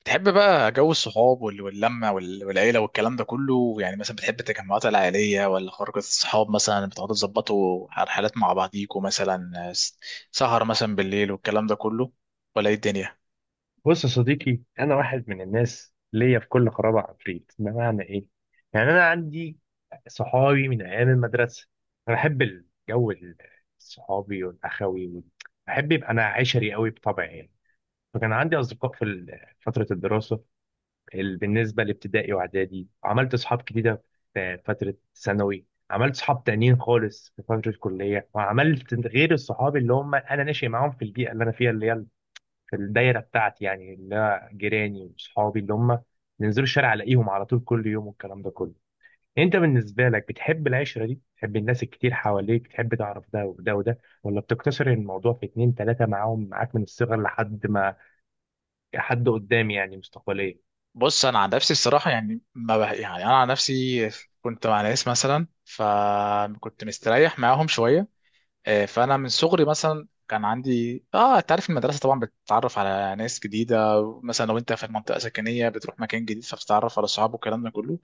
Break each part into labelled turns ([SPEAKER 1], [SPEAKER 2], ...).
[SPEAKER 1] بتحب بقى جو الصحاب واللمة والعيلة والكلام ده كله، يعني مثلا بتحب التجمعات العائلية ولا خروجة الصحاب؟ مثلا بتقعدوا تظبطوا على حالات مع بعضيكوا، مثلا سهر مثلا بالليل والكلام ده كله، ولا ايه الدنيا؟
[SPEAKER 2] بص يا صديقي، انا واحد من الناس ليا في كل خرابه عفريت. بمعنى ايه؟ يعني انا عندي صحابي من ايام المدرسه. انا بحب الجو الصحابي والاخوي بحب يبقى انا عشري قوي بطبعي يعني. فكان عندي اصدقاء في فتره الدراسه، بالنسبه لابتدائي واعدادي عملت اصحاب جديده. في فتره ثانوي عملت صحاب تانيين خالص. في فتره الكليه وعملت غير الصحاب اللي هم انا ناشئ معاهم في البيئه اللي انا فيها، اللي هي في الدايره بتاعتي، يعني اللي هو جيراني وصحابي اللي هم ننزلوا الشارع الاقيهم على طول كل يوم والكلام ده كله. انت بالنسبه لك بتحب العشره دي؟ بتحب الناس الكتير حواليك؟ بتحب تعرف ده وده وده، ولا بتقتصر الموضوع في اتنين تلاته معاهم معاك من الصغر لحد ما حد قدام يعني مستقبليا؟
[SPEAKER 1] بص، انا عن نفسي الصراحة يعني ما بح... يعني انا عن نفسي كنت مع ناس مثلا، فكنت مستريح معاهم شوية. فانا من صغري مثلا كان عندي، انت عارف المدرسه طبعا بتتعرف على ناس جديده، مثلا لو انت في منطقه سكنيه بتروح مكان جديد فبتتعرف على اصحاب والكلام ده كله.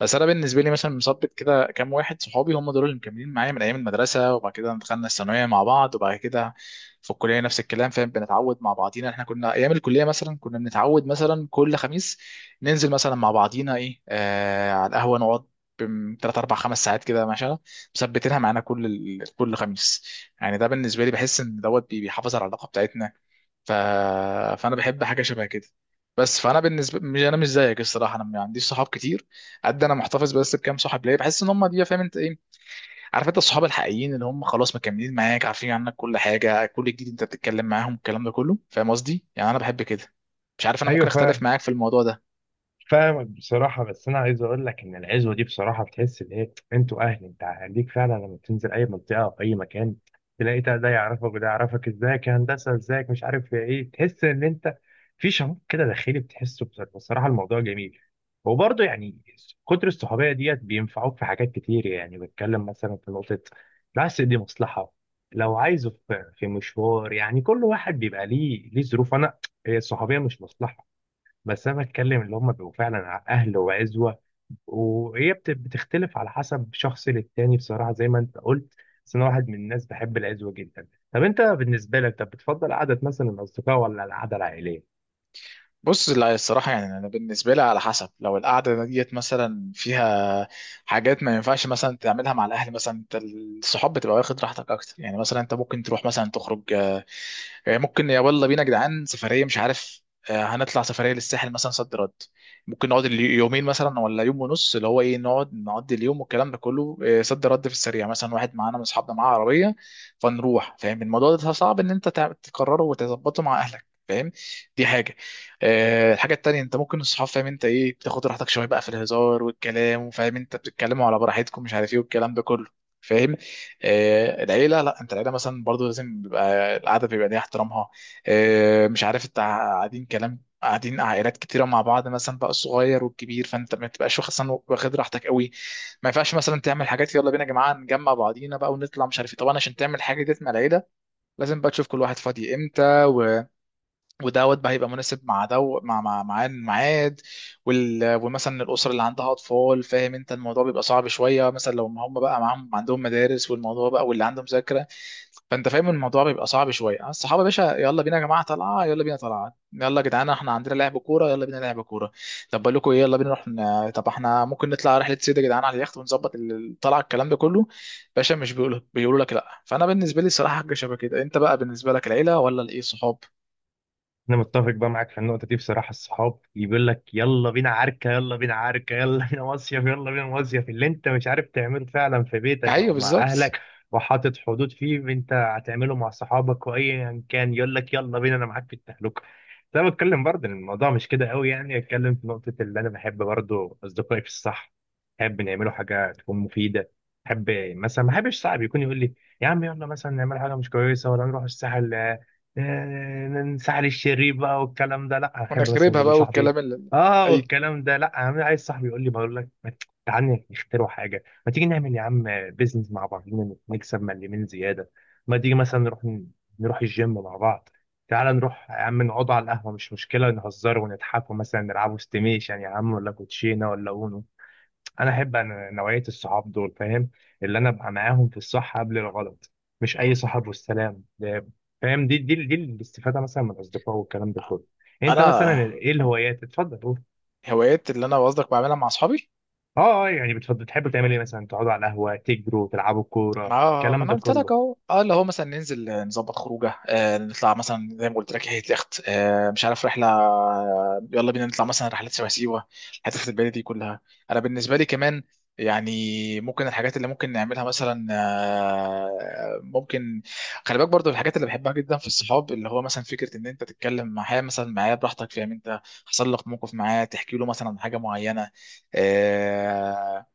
[SPEAKER 1] بس انا بالنسبه لي مثلا مثبت كده كام واحد صحابي هم دول اللي مكملين معايا من ايام المدرسه، وبعد كده دخلنا الثانويه مع بعض، وبعد كده في الكليه نفس الكلام، فاهم؟ بنتعود مع بعضينا. احنا كنا ايام الكليه مثلا كنا بنتعود مثلا كل خميس ننزل مثلا مع بعضينا، ايه، على القهوه نقعد ثلاث اربع خمس ساعات كده، مثبتينها معانا كل كل خميس. يعني ده بالنسبه لي بحس ان دوت بيحافظ على العلاقه بتاعتنا. ف... فانا بحب حاجه شبه كده. بس فانا بالنسبه، مش انا مش زيك الصراحه، انا ما عنديش صحاب كتير قد، انا محتفظ بس بكام صاحب ليا، بحس ان هم دي، فاهم انت ايه؟ عارف انت الصحاب الحقيقيين اللي هم خلاص مكملين معاك، عارفين عنك كل حاجه كل جديد، انت بتتكلم معاهم الكلام ده كله، فاهم قصدي؟ يعني انا بحب كده. مش عارف، انا ممكن
[SPEAKER 2] ايوه،
[SPEAKER 1] اختلف معاك في الموضوع ده.
[SPEAKER 2] فاهمك بصراحة. بس أنا عايز أقول لك إن العزوة دي بصراحة بتحس إن إيه، أنتوا أهل. أنت هديك فعلا لما تنزل أي منطقة أو أي مكان، تلاقي ده ده يعرفك وده يعرفك، إزيك يا هندسة، إزيك مش عارف يا إيه. تحس إن أنت في شعور كده داخلي بتحسه بصراحة، بصراحة الموضوع جميل. وبرضه يعني كتر الصحوبية ديت بينفعوك في حاجات كتير. يعني بتكلم مثلا في نقطة، بس دي مصلحة، لو عايزه في مشوار، يعني كل واحد بيبقى ليه ظروف. أنا، هي الصحوبية مش مصلحة، بس انا بتكلم اللي هم بيبقوا فعلا اهل وعزوه. وهي بتختلف على حسب شخص للتاني بصراحه، زي ما انت قلت. بس انا واحد من الناس بحب العزوه جدا. طب انت بالنسبه لك، طب بتفضل قعده مثلا الاصدقاء ولا القعده العائليه؟
[SPEAKER 1] بص، لا الصراحة يعني أنا بالنسبة لي على حسب، لو القعدة ديت مثلا فيها حاجات ما ينفعش مثلا تعملها مع الأهل، مثلا أنت الصحاب بتبقى واخد راحتك أكتر، يعني مثلا أنت ممكن تروح مثلا تخرج. ممكن يلا بينا يا جدعان سفريه، مش عارف، هنطلع سفريه للساحل مثلا، صد رد، ممكن نقعد يومين مثلا ولا يوم ونص، اللي هو ايه، نقعد نقضي اليوم والكلام ده كله، صد رد في السريع، مثلا واحد معانا من اصحابنا معاه عربيه فنروح، فاهم؟ الموضوع ده صعب ان انت تقرره وتظبطه مع اهلك، فاهم؟ دي حاجه. الحاجه التانيه انت ممكن الصحاب، فاهم انت ايه، بتاخد راحتك شويه بقى في الهزار والكلام، وفاهم انت بتتكلموا على براحتكم مش عارف ايه والكلام ده كله، فاهم؟ العيله لا، انت العيله مثلا برضو لازم بيبقى القعده بيبقى ليها احترامها. مش عارف، انت قاعدين كلام قاعدين عائلات كتيره مع بعض، مثلا بقى الصغير والكبير، فانت ما تبقاش واخد مثلاً واخد راحتك قوي. ما ينفعش مثلا تعمل حاجات يلا بينا يا جماعه نجمع بعضينا بقى ونطلع مش عارف ايه، طبعا عشان تعمل حاجه ديت مع العيله لازم بقى تشوف كل واحد فاضي امتى، ودوت بقى هيبقى مناسب مع دو مع مع مع الميعاد. ومثلا الاسر اللي عندها اطفال، فاهم انت، الموضوع بيبقى صعب شويه، مثلا لو ما هم بقى معاهم عندهم مدارس والموضوع بقى، واللي عنده مذاكره، فانت فاهم الموضوع بيبقى صعب شويه. الصحابه يا باشا يلا بينا يا جماعه طلعه، يلا بينا طلعه، يلا يا جدعان احنا عندنا لعب كوره يلا بينا لعب كوره، طب بقول لكم ايه يلا بينا طب احنا ممكن نطلع رحله سيده يا جدعان على اليخت ونظبط الطلعه الكلام ده كله، باشا مش بيقولوا لك لا. فانا بالنسبه لي الصراحه حاجه شبه كده. انت بقى بالنسبه لك العيله ولا الايه صحاب؟
[SPEAKER 2] انا متفق بقى معاك في النقطه دي بصراحه. الصحاب اللي بيقول لك يلا بينا عركه، يلا بينا عركه، يلا بينا مصيف، يلا بينا مصيف، اللي انت مش عارف تعمله فعلا في بيتك
[SPEAKER 1] ايوه
[SPEAKER 2] او مع
[SPEAKER 1] بالظبط.
[SPEAKER 2] اهلك وحاطط حدود فيه، انت هتعمله مع صحابك. وايا كان يقول لك يلا بينا، انا معاك في التهلكه. بس انا بتكلم برضه ان الموضوع مش كده قوي، يعني اتكلم في نقطه، اللي انا بحب برضه اصدقائي في الصح، بحب نعمله حاجه تكون مفيده. بحب مثلا، ما بحبش صاحب يكون يقول لي يا عم يلا مثلا نعمل حاجه مش كويسه، ولا نروح الساحل، آه، نسحل الشرير بقى والكلام ده. لا، احب مثلا
[SPEAKER 1] ونخربها
[SPEAKER 2] يقول لي
[SPEAKER 1] بقى
[SPEAKER 2] صاحبي ايه،
[SPEAKER 1] والكلام اللي،
[SPEAKER 2] اه
[SPEAKER 1] اي،
[SPEAKER 2] والكلام ده. لا يا عم، عايز صاحبي يقول لي، بقول لك ما تعالى نخترع حاجه، ما تيجي نعمل يا عم بيزنس مع بعضينا نكسب من اليمين زياده، ما تيجي مثلا نروح نروح الجيم مع بعض، تعالى نروح يا عم نقعد على القهوه، مش مشكله نهزر ونضحك ومثلا نلعبوا استيميشن يا عم، ولا كوتشينه، ولا اونو. انا احب أنا نوعيه الصحاب دول، فاهم؟ اللي انا ابقى معاهم في الصح قبل الغلط، مش اي صاحب والسلام ده. فاهم؟ دي الاستفاده مثلا من الاصدقاء والكلام ده كله. انت مثلا
[SPEAKER 1] انا
[SPEAKER 2] ايه الهوايات؟ اتفضل قول.
[SPEAKER 1] هوايات اللي انا قصدك بعملها مع اصحابي؟
[SPEAKER 2] اه، اه، يعني بتفضل تحبوا تعملوا ايه مثلا؟ تقعدوا على القهوه، تجروا، تلعبوا كوره،
[SPEAKER 1] ما
[SPEAKER 2] الكلام
[SPEAKER 1] انا
[SPEAKER 2] ده
[SPEAKER 1] قلت لك
[SPEAKER 2] كله.
[SPEAKER 1] اهو، اللي هو مثلا ننزل، نظبط خروجه، آه نطلع مثلا زي ما قلت لك هي اليخت، آه مش عارف رحله، يلا بينا نطلع مثلا رحلات شبه سيوه الحتت البعيده دي كلها. انا بالنسبه لي كمان يعني ممكن الحاجات اللي ممكن نعملها مثلا، ممكن، خلي بالك برضو الحاجات اللي بحبها جدا في الصحاب، اللي هو مثلا فكره ان انت تتكلم معاه مثلا، معاه براحتك، فاهم انت، حصل لك موقف معاه تحكي له مثلا عن حاجه معينه. آه،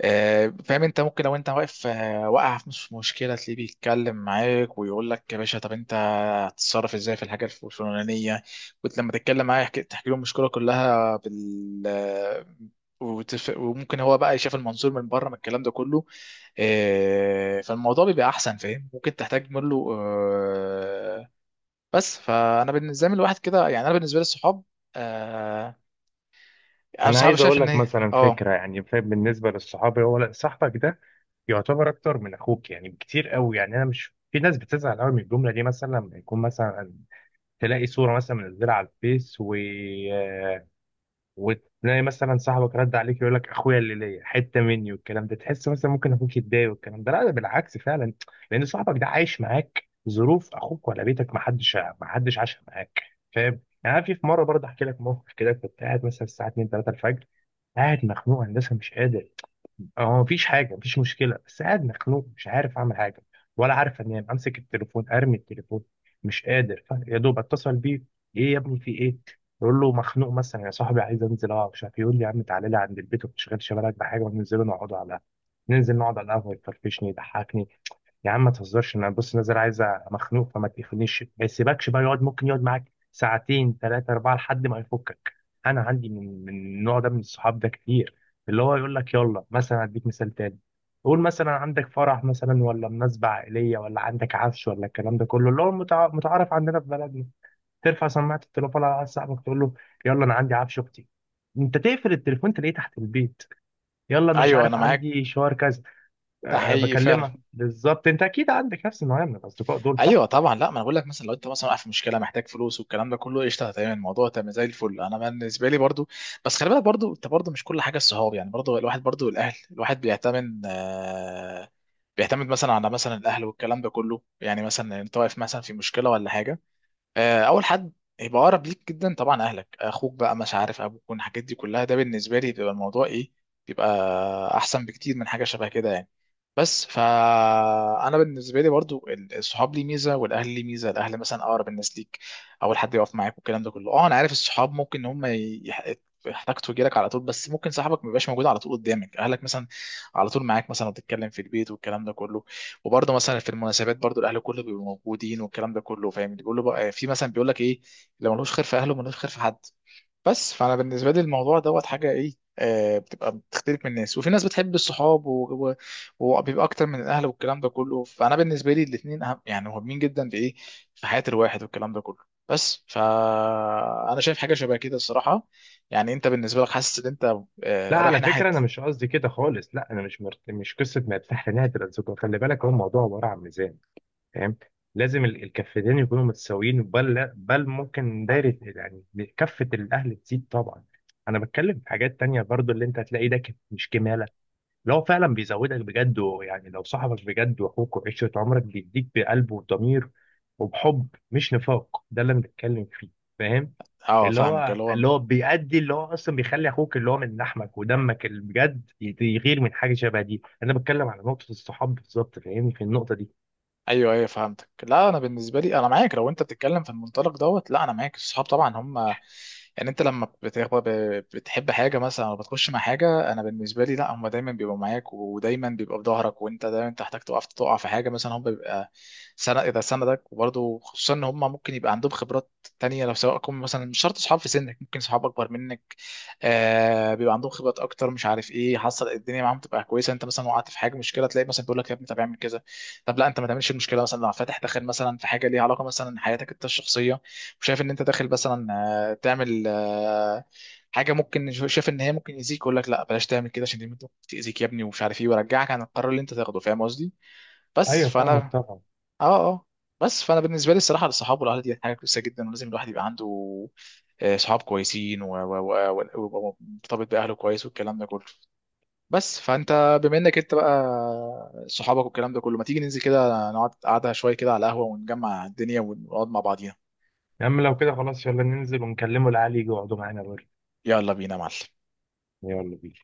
[SPEAKER 1] فاهم انت، ممكن لو انت واقف، واقع في نص مشكله، تلاقيه بيتكلم معاك ويقول لك يا باشا طب انت هتتصرف ازاي في الحاجه الفلانيه، كنت لما تتكلم معاه تحكي له المشكله كلها بال آه، وممكن هو بقى يشوف المنظور من بره من الكلام ده كله. فالموضوع بيبقى احسن، فاهم، ممكن تحتاج منه، بس فانا بالنسبه لي الواحد كده يعني، انا بالنسبه لي الصحاب، آه، انا
[SPEAKER 2] انا
[SPEAKER 1] صحابي
[SPEAKER 2] عايز
[SPEAKER 1] شايف
[SPEAKER 2] اقول
[SPEAKER 1] ان
[SPEAKER 2] لك
[SPEAKER 1] هي،
[SPEAKER 2] مثلا
[SPEAKER 1] اه
[SPEAKER 2] فكره، يعني فاهم، بالنسبه للصحاب، هو لا، صاحبك ده يعتبر اكتر من اخوك يعني بكتير قوي. يعني انا مش، في ناس بتزعل قوي من الجمله دي، مثلا لما يكون مثلا تلاقي صورة مثلا منزلها على الفيس آه، وتلاقي مثلا صاحبك رد عليك يقول لك اخويا اللي ليا حتة مني والكلام ده، تحس مثلا ممكن اخوك يتضايق والكلام ده. لا، ده بالعكس فعلا، لان صاحبك ده عايش معاك ظروف اخوك، ولا بيتك ما حدش عاش معاك. فاهم؟ يعني أنا في مرة برضه احكي لك موقف كده. كنت قاعد مثلا الساعة 2 3 الفجر، قاعد مخنوق هندسة مش قادر. هو مفيش حاجه، مفيش مشكله، بس قاعد مخنوق مش عارف اعمل حاجه، ولا عارف انام، امسك التليفون ارمي التليفون، مش قادر. يا دوب اتصل بيه، ايه يا ابني في ايه؟ يقول له مخنوق مثلا يا صاحبي، عايز انزل اقعد مش عارف إيه." يقول لي يا عم تعالى لي عند البيت وما تشغلش بالك بحاجه، وننزل نقعد على القهوه. ننزل نقعد على القهوه، يفرفشني، يضحكني. يا عم ما تهزرش، انا بص نازل عايز، مخنوق. فما تقفلنيش. ما يسيبكش بقى، يقعد، ممكن يقعد معاك ساعتين ثلاثة أربعة لحد ما يفكك. أنا عندي من النوع ده من الصحاب ده كتير. اللي هو يقول لك يلا مثلا، أديك مثال تاني، قول مثلا عندك فرح مثلا، ولا مناسبة عائلية، ولا عندك عفش، ولا الكلام ده كله اللي هو متعارف عندنا في بلدنا. ترفع سماعة التليفون على واحد صاحبك تقول له يلا أنا عندي عفش أختي، أنت تقفل التليفون تلاقيه تحت البيت. يلا أنا مش
[SPEAKER 1] ايوه انا
[SPEAKER 2] عارف
[SPEAKER 1] معاك،
[SPEAKER 2] عندي شوار كذا.
[SPEAKER 1] ده
[SPEAKER 2] أه
[SPEAKER 1] حقيقي فعلا،
[SPEAKER 2] بكلمك بالظبط، انت اكيد عندك نفس النوعيه من الاصدقاء دول،
[SPEAKER 1] ايوه
[SPEAKER 2] صح؟
[SPEAKER 1] طبعا. لا ما انا بقول لك مثلا لو انت مثلا واقع في مشكله محتاج فلوس والكلام ده كله، قشطه تمام الموضوع تمام زي الفل. انا بالنسبه لي برضو بس خلي بالك برضو، انت برضو مش كل حاجه الصحاب يعني، برضو الواحد برضو الاهل، الواحد بيعتمد بيعتمد مثلا على مثلا الاهل والكلام ده كله، يعني مثلا انت واقف مثلا في مشكله ولا حاجه، اول حد يبقى اقرب ليك جدا طبعا اهلك، اخوك بقى، مش عارف ابوك والحاجات دي كلها. ده بالنسبه لي بيبقى الموضوع ايه، بيبقى احسن بكتير من حاجه شبه كده يعني. بس فانا بالنسبه لي برضو الصحاب ليه ميزه والاهل ليه ميزه، الاهل مثلا اقرب الناس ليك، اول حد يقف معاك والكلام ده كله. اه انا عارف الصحاب ممكن ان هم يحتاجوا لك على طول، بس ممكن صاحبك ما يبقاش موجود على طول قدامك، اهلك مثلا على طول معاك مثلا، وتتكلم في البيت والكلام ده كله، وبرضه مثلا في المناسبات برضه الاهل كله بيبقوا موجودين والكلام ده كله، فاهم؟ بيقول له بقى، في مثلا بيقول لك ايه، لو ملوش خير في اهله ملوش خير في حد. بس فانا بالنسبه لي الموضوع دوت حاجه ايه، بتبقى بتختلف من الناس، وفي ناس بتحب الصحاب وبيبقى اكتر من الاهل والكلام ده كله. فانا بالنسبه لي الاثنين اهم، يعني مهمين جدا في ايه، في حياه الواحد والكلام ده كله. بس فانا شايف حاجه شبه كده الصراحه. يعني انت بالنسبه لك حاسس ان انت
[SPEAKER 2] لا
[SPEAKER 1] آه رايح
[SPEAKER 2] على
[SPEAKER 1] ناحيه،
[SPEAKER 2] فكره انا مش قصدي كده خالص، لا انا مش قصه ما يفتح لنهايه الاصدقاء. خلي بالك، هو الموضوع عباره عن ميزان، فاهم؟ لازم الكفتين يكونوا متساويين، بل بل ممكن دايره، يعني كفه الاهل تزيد طبعا. انا بتكلم في حاجات تانية برضو اللي انت هتلاقي ده مش كماله. لو فعلا بيزودك بجد، ويعني لو صاحبك بجد واخوك وعشره عمرك بيديك بقلب وضمير وبحب مش نفاق، ده اللي أنا بتكلم فيه، فاهم؟
[SPEAKER 1] اه
[SPEAKER 2] اللي
[SPEAKER 1] فاهمك
[SPEAKER 2] هو،
[SPEAKER 1] اللي هو،
[SPEAKER 2] اللي هو بيأدي، اللي هو اصلا بيخلي اخوك اللي هو من لحمك ودمك اللي بجد يغير من حاجه شبه دي. انا بتكلم على نقطه الصحاب بالظبط، فاهمني في النقطه دي؟
[SPEAKER 1] ايوه ايوه فهمتك. لا انا بالنسبه لي انا معاك لو انت بتتكلم في المنطلق دوت، لا انا معاك الصحاب طبعا هم، يعني انت لما بتحب حاجه مثلا او بتخش مع حاجه، انا بالنسبه لي لا، هم دايما بيبقوا معاك ودايما بيبقوا في ظهرك، وانت دايما تحتاج تقف تقع في حاجه مثلا هم بيبقى سند اذا سندك. وبرضه خصوصا ان هم ممكن يبقى عندهم خبرات تانية، لو سواء كم مثلا مش شرط اصحاب في سنك ممكن صحاب اكبر منك، آه بيبقى عندهم خبرات اكتر مش عارف ايه، حصل الدنيا معاهم تبقى كويسه، انت مثلا وقعت في حاجه مشكله تلاقي مثلا بيقول لك يا ابني طب اعمل كذا، طب لا انت ما تعملش المشكله، مثلا لو فاتح داخل مثلا في حاجه ليها علاقه مثلا حياتك انت الشخصيه وشايف ان انت داخل مثلا، تعمل، حاجه ممكن شايف ان هي ممكن يأذيك، يقول لك لا بلاش تعمل كده عشان دي ممكن تأذيك يا ابني، ومش عارف ايه، ويرجعك عن القرار اللي انت تاخده، فاهم قصدي؟ بس
[SPEAKER 2] ايوه، فاهمك
[SPEAKER 1] فانا،
[SPEAKER 2] طبعا.
[SPEAKER 1] اه، بس فانا بالنسبه لي الصراحه الصحاب والاهل دي حاجه كويسه جدا، ولازم الواحد يبقى عنده صحاب كويسين ومرتبط باهله كويس والكلام ده كله. بس فانت بما انك انت بقى صحابك والكلام ده كله، ما تيجي ننزل كده نقعد قعده شويه كده على القهوه ونجمع الدنيا ونقعد مع بعضينا؟
[SPEAKER 2] يا عم لو كده خلاص، يلا ننزل ونكلمه العالي يجي يقعدوا معانا بره.
[SPEAKER 1] يلا بينا يا معلم.
[SPEAKER 2] يلا بينا.